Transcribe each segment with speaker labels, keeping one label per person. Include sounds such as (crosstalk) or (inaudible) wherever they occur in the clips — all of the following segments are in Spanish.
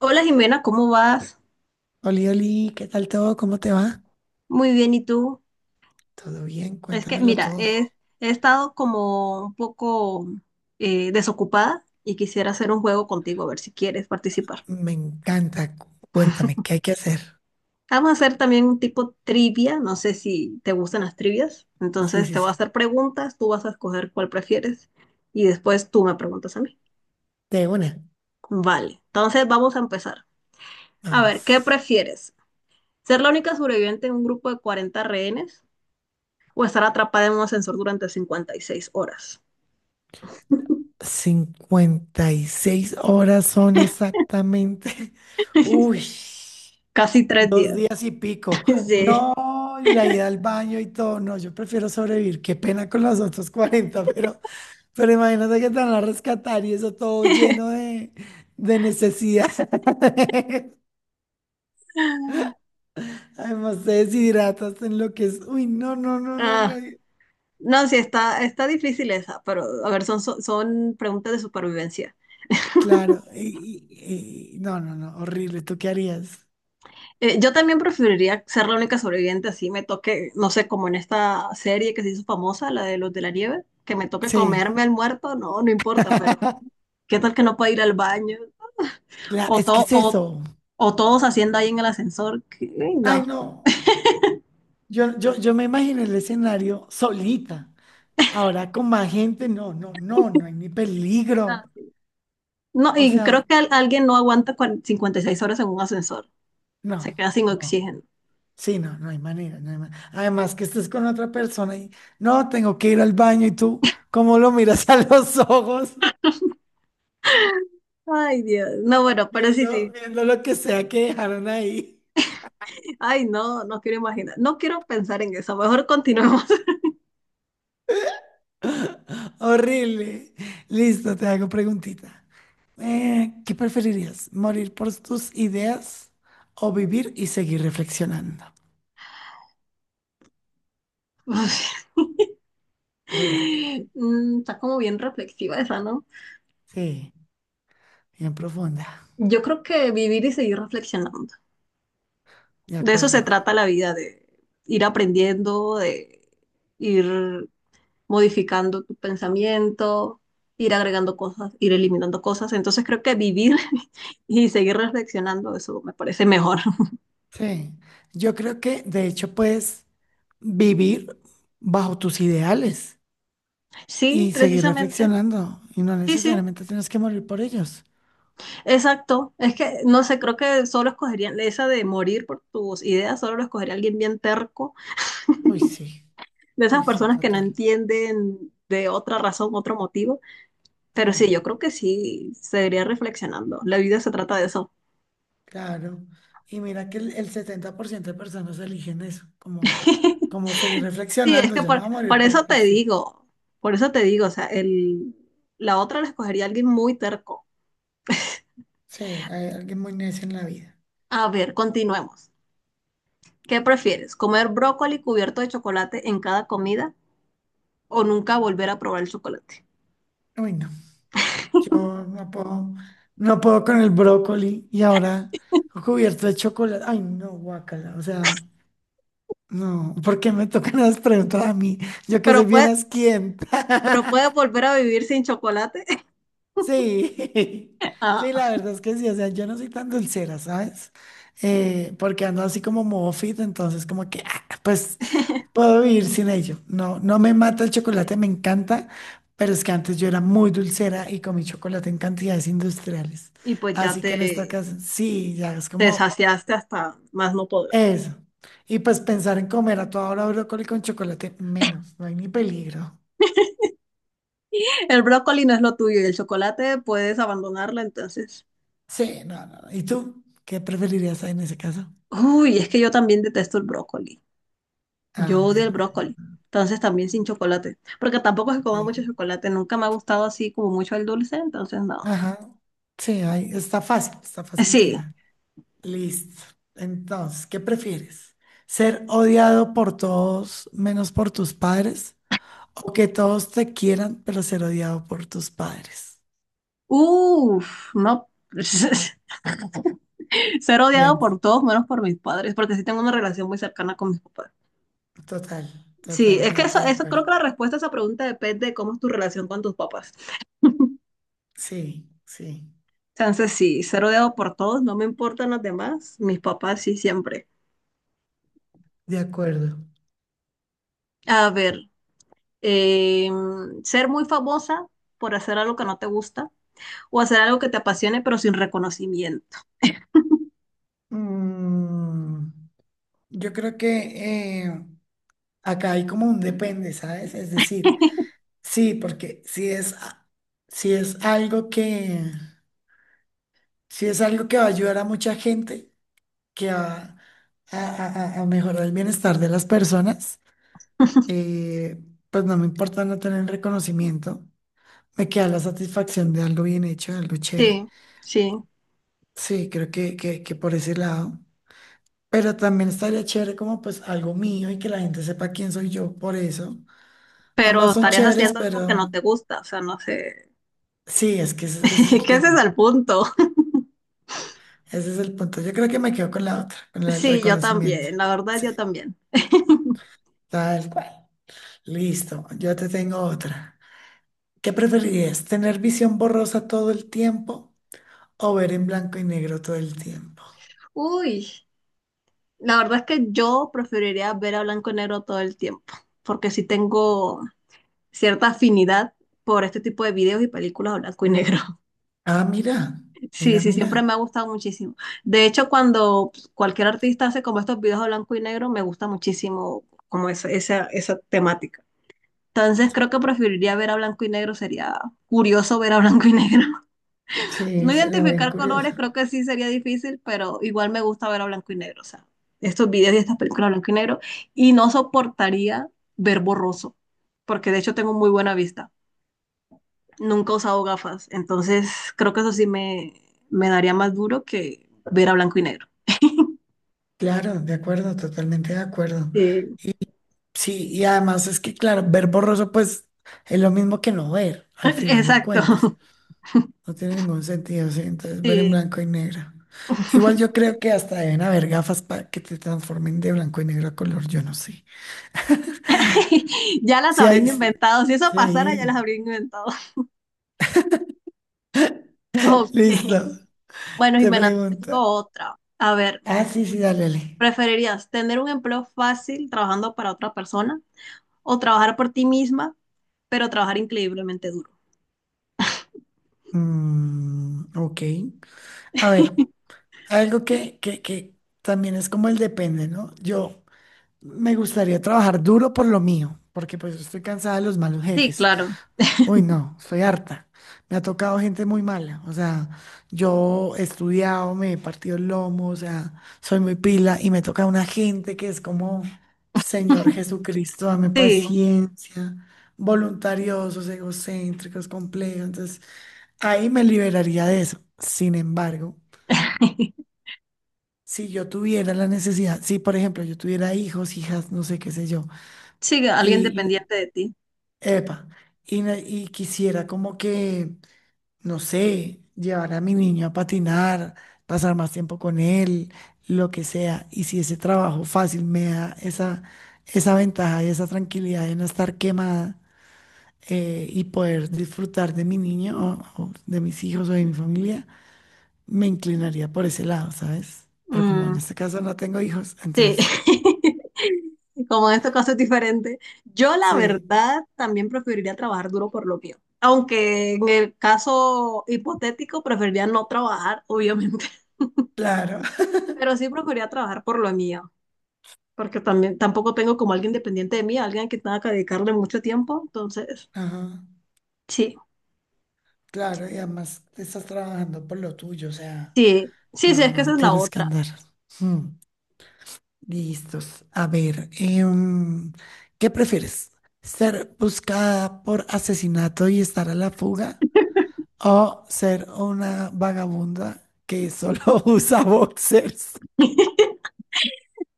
Speaker 1: Hola Jimena, ¿cómo vas?
Speaker 2: Oli, Oli, ¿qué tal todo? ¿Cómo te va?
Speaker 1: Muy bien, ¿y tú?
Speaker 2: ¿Todo bien?
Speaker 1: Es que,
Speaker 2: Cuéntamelo
Speaker 1: mira,
Speaker 2: todo.
Speaker 1: he estado como un poco desocupada y quisiera hacer un juego contigo, a ver si quieres participar.
Speaker 2: Me encanta. Cuéntame, ¿qué hay que hacer?
Speaker 1: Vamos a hacer también un tipo trivia, no sé si te gustan las trivias.
Speaker 2: Sí,
Speaker 1: Entonces
Speaker 2: sí,
Speaker 1: te voy a
Speaker 2: sí.
Speaker 1: hacer preguntas, tú vas a escoger cuál prefieres y después tú me preguntas a mí.
Speaker 2: De una.
Speaker 1: Vale, entonces vamos a empezar. A ver, ¿qué
Speaker 2: Vamos.
Speaker 1: prefieres? ¿Ser la única sobreviviente en un grupo de 40 rehenes o estar atrapada en un ascensor durante 56 horas? (laughs)
Speaker 2: 56 horas son exactamente. (laughs) Uy,
Speaker 1: (laughs) Casi tres
Speaker 2: dos
Speaker 1: días.
Speaker 2: días y pico.
Speaker 1: (laughs) Sí.
Speaker 2: No, y la ida al baño y todo. No, yo prefiero sobrevivir. Qué pena con los otros 40. Pero imagínate que te van a rescatar y eso todo lleno
Speaker 1: (laughs)
Speaker 2: de necesidad. (laughs) Además, te deshidratas en lo que es. Uy, no, no, no, no, no.
Speaker 1: Ah, no, sí, está difícil esa, pero a ver, son preguntas de supervivencia.
Speaker 2: Claro.
Speaker 1: (laughs)
Speaker 2: No, no, no. Horrible. ¿Tú qué harías?
Speaker 1: Yo también preferiría ser la única sobreviviente, así me toque, no sé, como en esta serie que se hizo famosa, la de los de la nieve, que me toque
Speaker 2: Sí.
Speaker 1: comerme al muerto, no, no importa, pero ¿qué tal que no pueda ir al baño? (laughs) O,
Speaker 2: Es que
Speaker 1: to-
Speaker 2: es
Speaker 1: o,
Speaker 2: eso.
Speaker 1: o todos haciendo ahí en el ascensor,
Speaker 2: Ay, no. Yo me imagino el escenario solita. Ahora con más gente, no, no, no, no hay ni
Speaker 1: no.
Speaker 2: peligro.
Speaker 1: No,
Speaker 2: O
Speaker 1: y
Speaker 2: sea,
Speaker 1: creo que alguien no aguanta 56 horas en un ascensor. Se
Speaker 2: no,
Speaker 1: queda sin
Speaker 2: no.
Speaker 1: oxígeno.
Speaker 2: Sí, no, no hay manera. No hay ma- Además que estés con otra persona y no, tengo que ir al baño y tú, ¿cómo lo miras (laughs) a los ojos?
Speaker 1: Ay, Dios. No, bueno, pero sí,
Speaker 2: Viendo,
Speaker 1: sí.
Speaker 2: viendo lo que sea que dejaron ahí.
Speaker 1: Ay, no, no quiero imaginar. No quiero pensar en eso. Mejor continuemos.
Speaker 2: (laughs) Horrible. Listo, te hago preguntita. ¿Qué preferirías? ¿Morir por tus ideas o vivir y seguir reflexionando?
Speaker 1: (laughs)
Speaker 2: Dura.
Speaker 1: Está como bien reflexiva esa, ¿no?
Speaker 2: Sí, bien profunda.
Speaker 1: Yo creo que vivir y seguir reflexionando.
Speaker 2: De
Speaker 1: De eso se
Speaker 2: acuerdo.
Speaker 1: trata la vida, de ir aprendiendo, de ir modificando tu pensamiento, ir agregando cosas, ir eliminando cosas. Entonces creo que vivir (laughs) y seguir reflexionando, eso me parece mejor. (laughs)
Speaker 2: Sí. Yo creo que de hecho puedes vivir bajo tus ideales
Speaker 1: Sí,
Speaker 2: y seguir
Speaker 1: precisamente.
Speaker 2: reflexionando y no
Speaker 1: Sí, sí,
Speaker 2: necesariamente tienes que morir por ellos.
Speaker 1: exacto. Es que, no sé, creo que solo escogerían esa de morir por tus ideas, solo lo escogería alguien bien terco,
Speaker 2: Uy, sí.
Speaker 1: de
Speaker 2: Uy,
Speaker 1: esas
Speaker 2: sí,
Speaker 1: personas que no
Speaker 2: total.
Speaker 1: entienden de otra razón, otro motivo. Pero
Speaker 2: Mm.
Speaker 1: sí, yo creo que sí, seguiría reflexionando. La vida se trata de eso.
Speaker 2: Claro, y mira que el 70% de personas eligen eso, como,
Speaker 1: (laughs)
Speaker 2: como seguir
Speaker 1: Sí, es
Speaker 2: reflexionando,
Speaker 1: que
Speaker 2: yo no me
Speaker 1: por,
Speaker 2: voy a morir
Speaker 1: por
Speaker 2: por,
Speaker 1: eso
Speaker 2: por
Speaker 1: te
Speaker 2: sí.
Speaker 1: digo, por eso te digo, o sea, la otra la escogería alguien muy terco.
Speaker 2: Sí, hay alguien muy necio en la vida.
Speaker 1: A ver, continuemos. ¿Qué prefieres? ¿Comer brócoli cubierto de chocolate en cada comida o nunca volver a probar el chocolate?
Speaker 2: Uy, no, yo no puedo, no puedo con el brócoli y ahora cubierto de chocolate. Ay, no, guácala, o sea, no, ¿por qué me tocan las preguntas a mí? Yo que soy
Speaker 1: Pero
Speaker 2: bien
Speaker 1: puedes, pero puedes
Speaker 2: asquienta. (laughs)
Speaker 1: volver a vivir sin chocolate. (laughs)
Speaker 2: Sí, (laughs)
Speaker 1: Ah,
Speaker 2: sí, la verdad es que sí, o sea, yo no soy tan dulcera, ¿sabes? Porque ando así como modo fit, entonces como que, ah, pues
Speaker 1: (laughs)
Speaker 2: puedo vivir sin ello. No, no me mata el chocolate, me encanta, pero es que antes yo era muy dulcera y comí chocolate en cantidades industriales.
Speaker 1: y
Speaker 2: Así que en esta ocasión, sí, ya es
Speaker 1: te
Speaker 2: como
Speaker 1: saciaste hasta más no poder.
Speaker 2: eso. Y pues pensar en comer a toda hora brócoli con chocolate, menos, no hay ni peligro.
Speaker 1: El brócoli no es lo tuyo y el chocolate puedes abandonarlo entonces.
Speaker 2: Sí, no, no. No. ¿Y tú? ¿Qué preferirías en ese caso?
Speaker 1: Uy, es que yo también detesto el brócoli. Yo
Speaker 2: Ah,
Speaker 1: odio el
Speaker 2: bueno.
Speaker 1: brócoli, entonces también sin chocolate, porque tampoco es que coma
Speaker 2: Sí.
Speaker 1: mucho chocolate, nunca me ha gustado así como mucho el dulce, entonces no.
Speaker 2: Ajá. Sí, ahí está fácil de
Speaker 1: Sí,
Speaker 2: dejar. Listo. Entonces, ¿qué prefieres? ¿Ser odiado por todos menos por tus padres? ¿O que todos te quieran, pero ser odiado por tus padres?
Speaker 1: uff, no, (laughs) ser odiado
Speaker 2: Ven,
Speaker 1: por todos menos por mis padres, porque sí tengo una relación muy cercana con mis papás.
Speaker 2: total,
Speaker 1: Sí, es que eso,
Speaker 2: totalmente de
Speaker 1: eso creo
Speaker 2: acuerdo.
Speaker 1: que la respuesta a esa pregunta depende de cómo es tu relación con tus papás. (laughs)
Speaker 2: Sí, sí,
Speaker 1: Entonces sí, ser odiado por todos, no me importan los demás, mis papás sí siempre.
Speaker 2: de acuerdo.
Speaker 1: A ver, ser muy famosa por hacer algo que no te gusta o hacer algo que te apasione, pero sin reconocimiento. (laughs)
Speaker 2: Mm, yo creo que acá hay como un depende, ¿sabes? Es decir, sí, porque si es, si es algo que va a ayudar a mucha gente, que va a mejorar el bienestar de las personas, eh, pues no me importa no tener reconocimiento, me queda la satisfacción de algo bien hecho, de algo chévere.
Speaker 1: Sí, sí.
Speaker 2: Sí, creo que por ese lado. Pero también estaría chévere como pues algo mío y que la gente sepa quién soy yo por eso.
Speaker 1: Pero
Speaker 2: Ambas son
Speaker 1: estarías
Speaker 2: chéveres,
Speaker 1: haciendo algo que
Speaker 2: pero
Speaker 1: no te gusta, o sea, no sé.
Speaker 2: sí, es que
Speaker 1: (laughs)
Speaker 2: ese es el
Speaker 1: ¿Qué ese es
Speaker 2: tema.
Speaker 1: el punto? (laughs)
Speaker 2: Ese es el punto. Yo creo que me quedo con la otra, con el
Speaker 1: Sí, yo
Speaker 2: reconocimiento.
Speaker 1: también, la verdad,
Speaker 2: Sí,
Speaker 1: yo también. (laughs)
Speaker 2: tal cual. Listo, yo te tengo otra. ¿Qué preferirías? ¿Tener visión borrosa todo el tiempo o ver en blanco y negro todo el tiempo?
Speaker 1: Uy, la verdad es que yo preferiría ver a blanco y negro todo el tiempo, porque sí tengo cierta afinidad por este tipo de videos y películas a blanco y negro.
Speaker 2: Ah, mira,
Speaker 1: Sí,
Speaker 2: mira,
Speaker 1: sí, siempre
Speaker 2: mira.
Speaker 1: me ha gustado muchísimo. De hecho, cuando cualquier artista hace como estos videos a blanco y negro, me gusta muchísimo como esa temática. Entonces creo que preferiría ver a blanco y negro, sería curioso ver a (laughs) blanco y negro. (laughs) No
Speaker 2: Sí, sería bien
Speaker 1: identificar colores
Speaker 2: curioso.
Speaker 1: creo que sí sería difícil, pero igual me gusta ver a blanco y negro, o sea, estos videos y estas películas a blanco y negro, y no soportaría ver borroso, porque de hecho tengo muy buena vista nunca he usado gafas, entonces creo que eso me daría más duro que ver a blanco y negro.
Speaker 2: Claro, de acuerdo, totalmente de acuerdo.
Speaker 1: Sí.
Speaker 2: Y sí, y además es que, claro, ver borroso, pues es lo mismo que no ver, al final de
Speaker 1: (laughs)
Speaker 2: cuentas.
Speaker 1: Exacto,
Speaker 2: No tiene ningún sentido, sí. Entonces, ver en
Speaker 1: (laughs) sí.
Speaker 2: blanco y negro. Igual
Speaker 1: (laughs)
Speaker 2: yo creo que hasta deben haber gafas para que te transformen de blanco y negro a color, yo no sé.
Speaker 1: Ya las
Speaker 2: Sí,
Speaker 1: habrían
Speaker 2: hay. Sí,
Speaker 1: inventado, si eso pasara ya
Speaker 2: sí.
Speaker 1: las habrían inventado. (laughs) Ok,
Speaker 2: Listo.
Speaker 1: bueno
Speaker 2: Te
Speaker 1: Jimena, te
Speaker 2: pregunto.
Speaker 1: tengo otra. A ver,
Speaker 2: Ah, sí, sí, dale, dale.
Speaker 1: ¿preferirías tener un empleo fácil trabajando para otra persona o trabajar por ti misma, pero trabajar increíblemente duro?
Speaker 2: Mm, ok. A ver, algo que también es como el depende, ¿no? Yo me gustaría trabajar duro por lo mío, porque pues estoy cansada de los malos
Speaker 1: Sí,
Speaker 2: jefes.
Speaker 1: claro.
Speaker 2: Uy, no, soy harta. Me ha tocado gente muy mala. O sea, yo he estudiado, me he partido el lomo, o sea, soy muy pila y me toca una gente que es como, Señor Jesucristo, dame
Speaker 1: Sí,
Speaker 2: paciencia, voluntariosos, egocéntricos, complejos. Entonces, ahí me liberaría de eso. Sin embargo,
Speaker 1: (laughs)
Speaker 2: si yo tuviera la necesidad, si por ejemplo yo tuviera hijos, hijas, no sé qué sé yo,
Speaker 1: sí,
Speaker 2: y,
Speaker 1: alguien dependiente de ti.
Speaker 2: epa, y quisiera como que no sé, llevar a mi niño a patinar, pasar más tiempo con él, lo que sea. Y si ese trabajo fácil me da esa ventaja y esa tranquilidad de no estar quemada, y poder disfrutar de mi niño o de mis hijos o de mi familia, me inclinaría por ese lado, ¿sabes? Pero como en
Speaker 1: Mm,
Speaker 2: este caso no tengo hijos,
Speaker 1: sí,
Speaker 2: entonces
Speaker 1: (laughs) como en estos casos es diferente. Yo la
Speaker 2: sí,
Speaker 1: verdad también preferiría trabajar duro por lo mío, aunque en el caso hipotético preferiría no trabajar, (laughs) obviamente,
Speaker 2: claro. (laughs)
Speaker 1: pero sí preferiría trabajar por lo mío, porque también tampoco tengo como alguien dependiente de mí, alguien que tenga que dedicarle mucho tiempo, entonces
Speaker 2: Ajá,
Speaker 1: sí,
Speaker 2: claro, y además estás trabajando por lo tuyo, o sea,
Speaker 1: sí, sí, sí,
Speaker 2: no,
Speaker 1: es que esa
Speaker 2: no
Speaker 1: es la
Speaker 2: tienes que
Speaker 1: otra.
Speaker 2: andar. mm, Listos. A ver, ¿qué prefieres? ¿Ser buscada por asesinato y estar a la fuga? ¿O ser una vagabunda que solo (laughs) usa boxers?
Speaker 1: (laughs)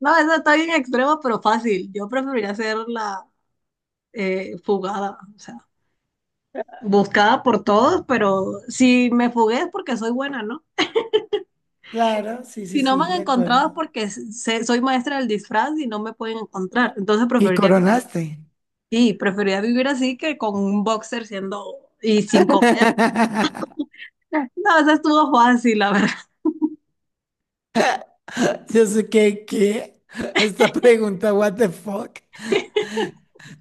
Speaker 1: No, esa está bien extrema, pero fácil. Yo preferiría hacer la fugada, o sea. Buscada por todos, pero si me fugué es porque soy buena, ¿no?
Speaker 2: Claro, sí, sí,
Speaker 1: Si no me han
Speaker 2: sí, de
Speaker 1: encontrado es
Speaker 2: acuerdo.
Speaker 1: porque soy maestra del disfraz y no me pueden encontrar. Entonces
Speaker 2: Y
Speaker 1: preferiría vivir así.
Speaker 2: coronaste.
Speaker 1: Sí, preferiría vivir así que con un boxer siendo y sin comer.
Speaker 2: (laughs)
Speaker 1: (laughs) No, eso estuvo fácil, la verdad.
Speaker 2: Yo sé que, ¿qué? Esta pregunta, what the fuck?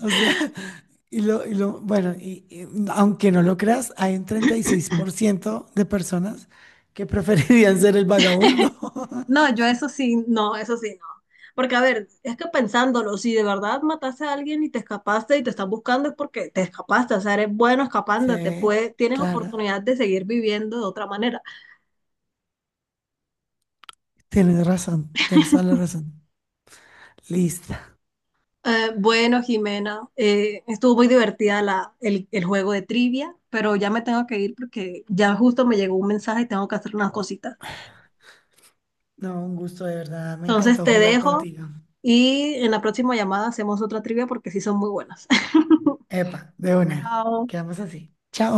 Speaker 2: O sea, (laughs) y lo bueno, y aunque no lo creas, hay un 36% de personas que (laughs) preferirían ser el vagabundo.
Speaker 1: No,
Speaker 2: (laughs)
Speaker 1: yo eso sí, no, eso sí, no. Porque, a ver, es que pensándolo, si de verdad mataste a alguien y te escapaste y te están buscando es porque te escapaste, o sea, eres bueno escapándote,
Speaker 2: Sí,
Speaker 1: puedes, tienes
Speaker 2: claro,
Speaker 1: oportunidad de seguir viviendo de otra manera.
Speaker 2: tienes razón, tienes toda la razón. Lista.
Speaker 1: Bueno, Jimena, estuvo muy divertida el juego de trivia, pero ya me tengo que ir porque ya justo me llegó un mensaje y tengo que hacer unas cositas.
Speaker 2: No, un gusto de verdad, me
Speaker 1: Entonces
Speaker 2: encantó
Speaker 1: te
Speaker 2: jugar
Speaker 1: dejo
Speaker 2: contigo.
Speaker 1: y en la próxima llamada hacemos otra trivia porque sí son muy buenas. (laughs)
Speaker 2: Epa, de una,
Speaker 1: Chao.
Speaker 2: quedamos así. Chao.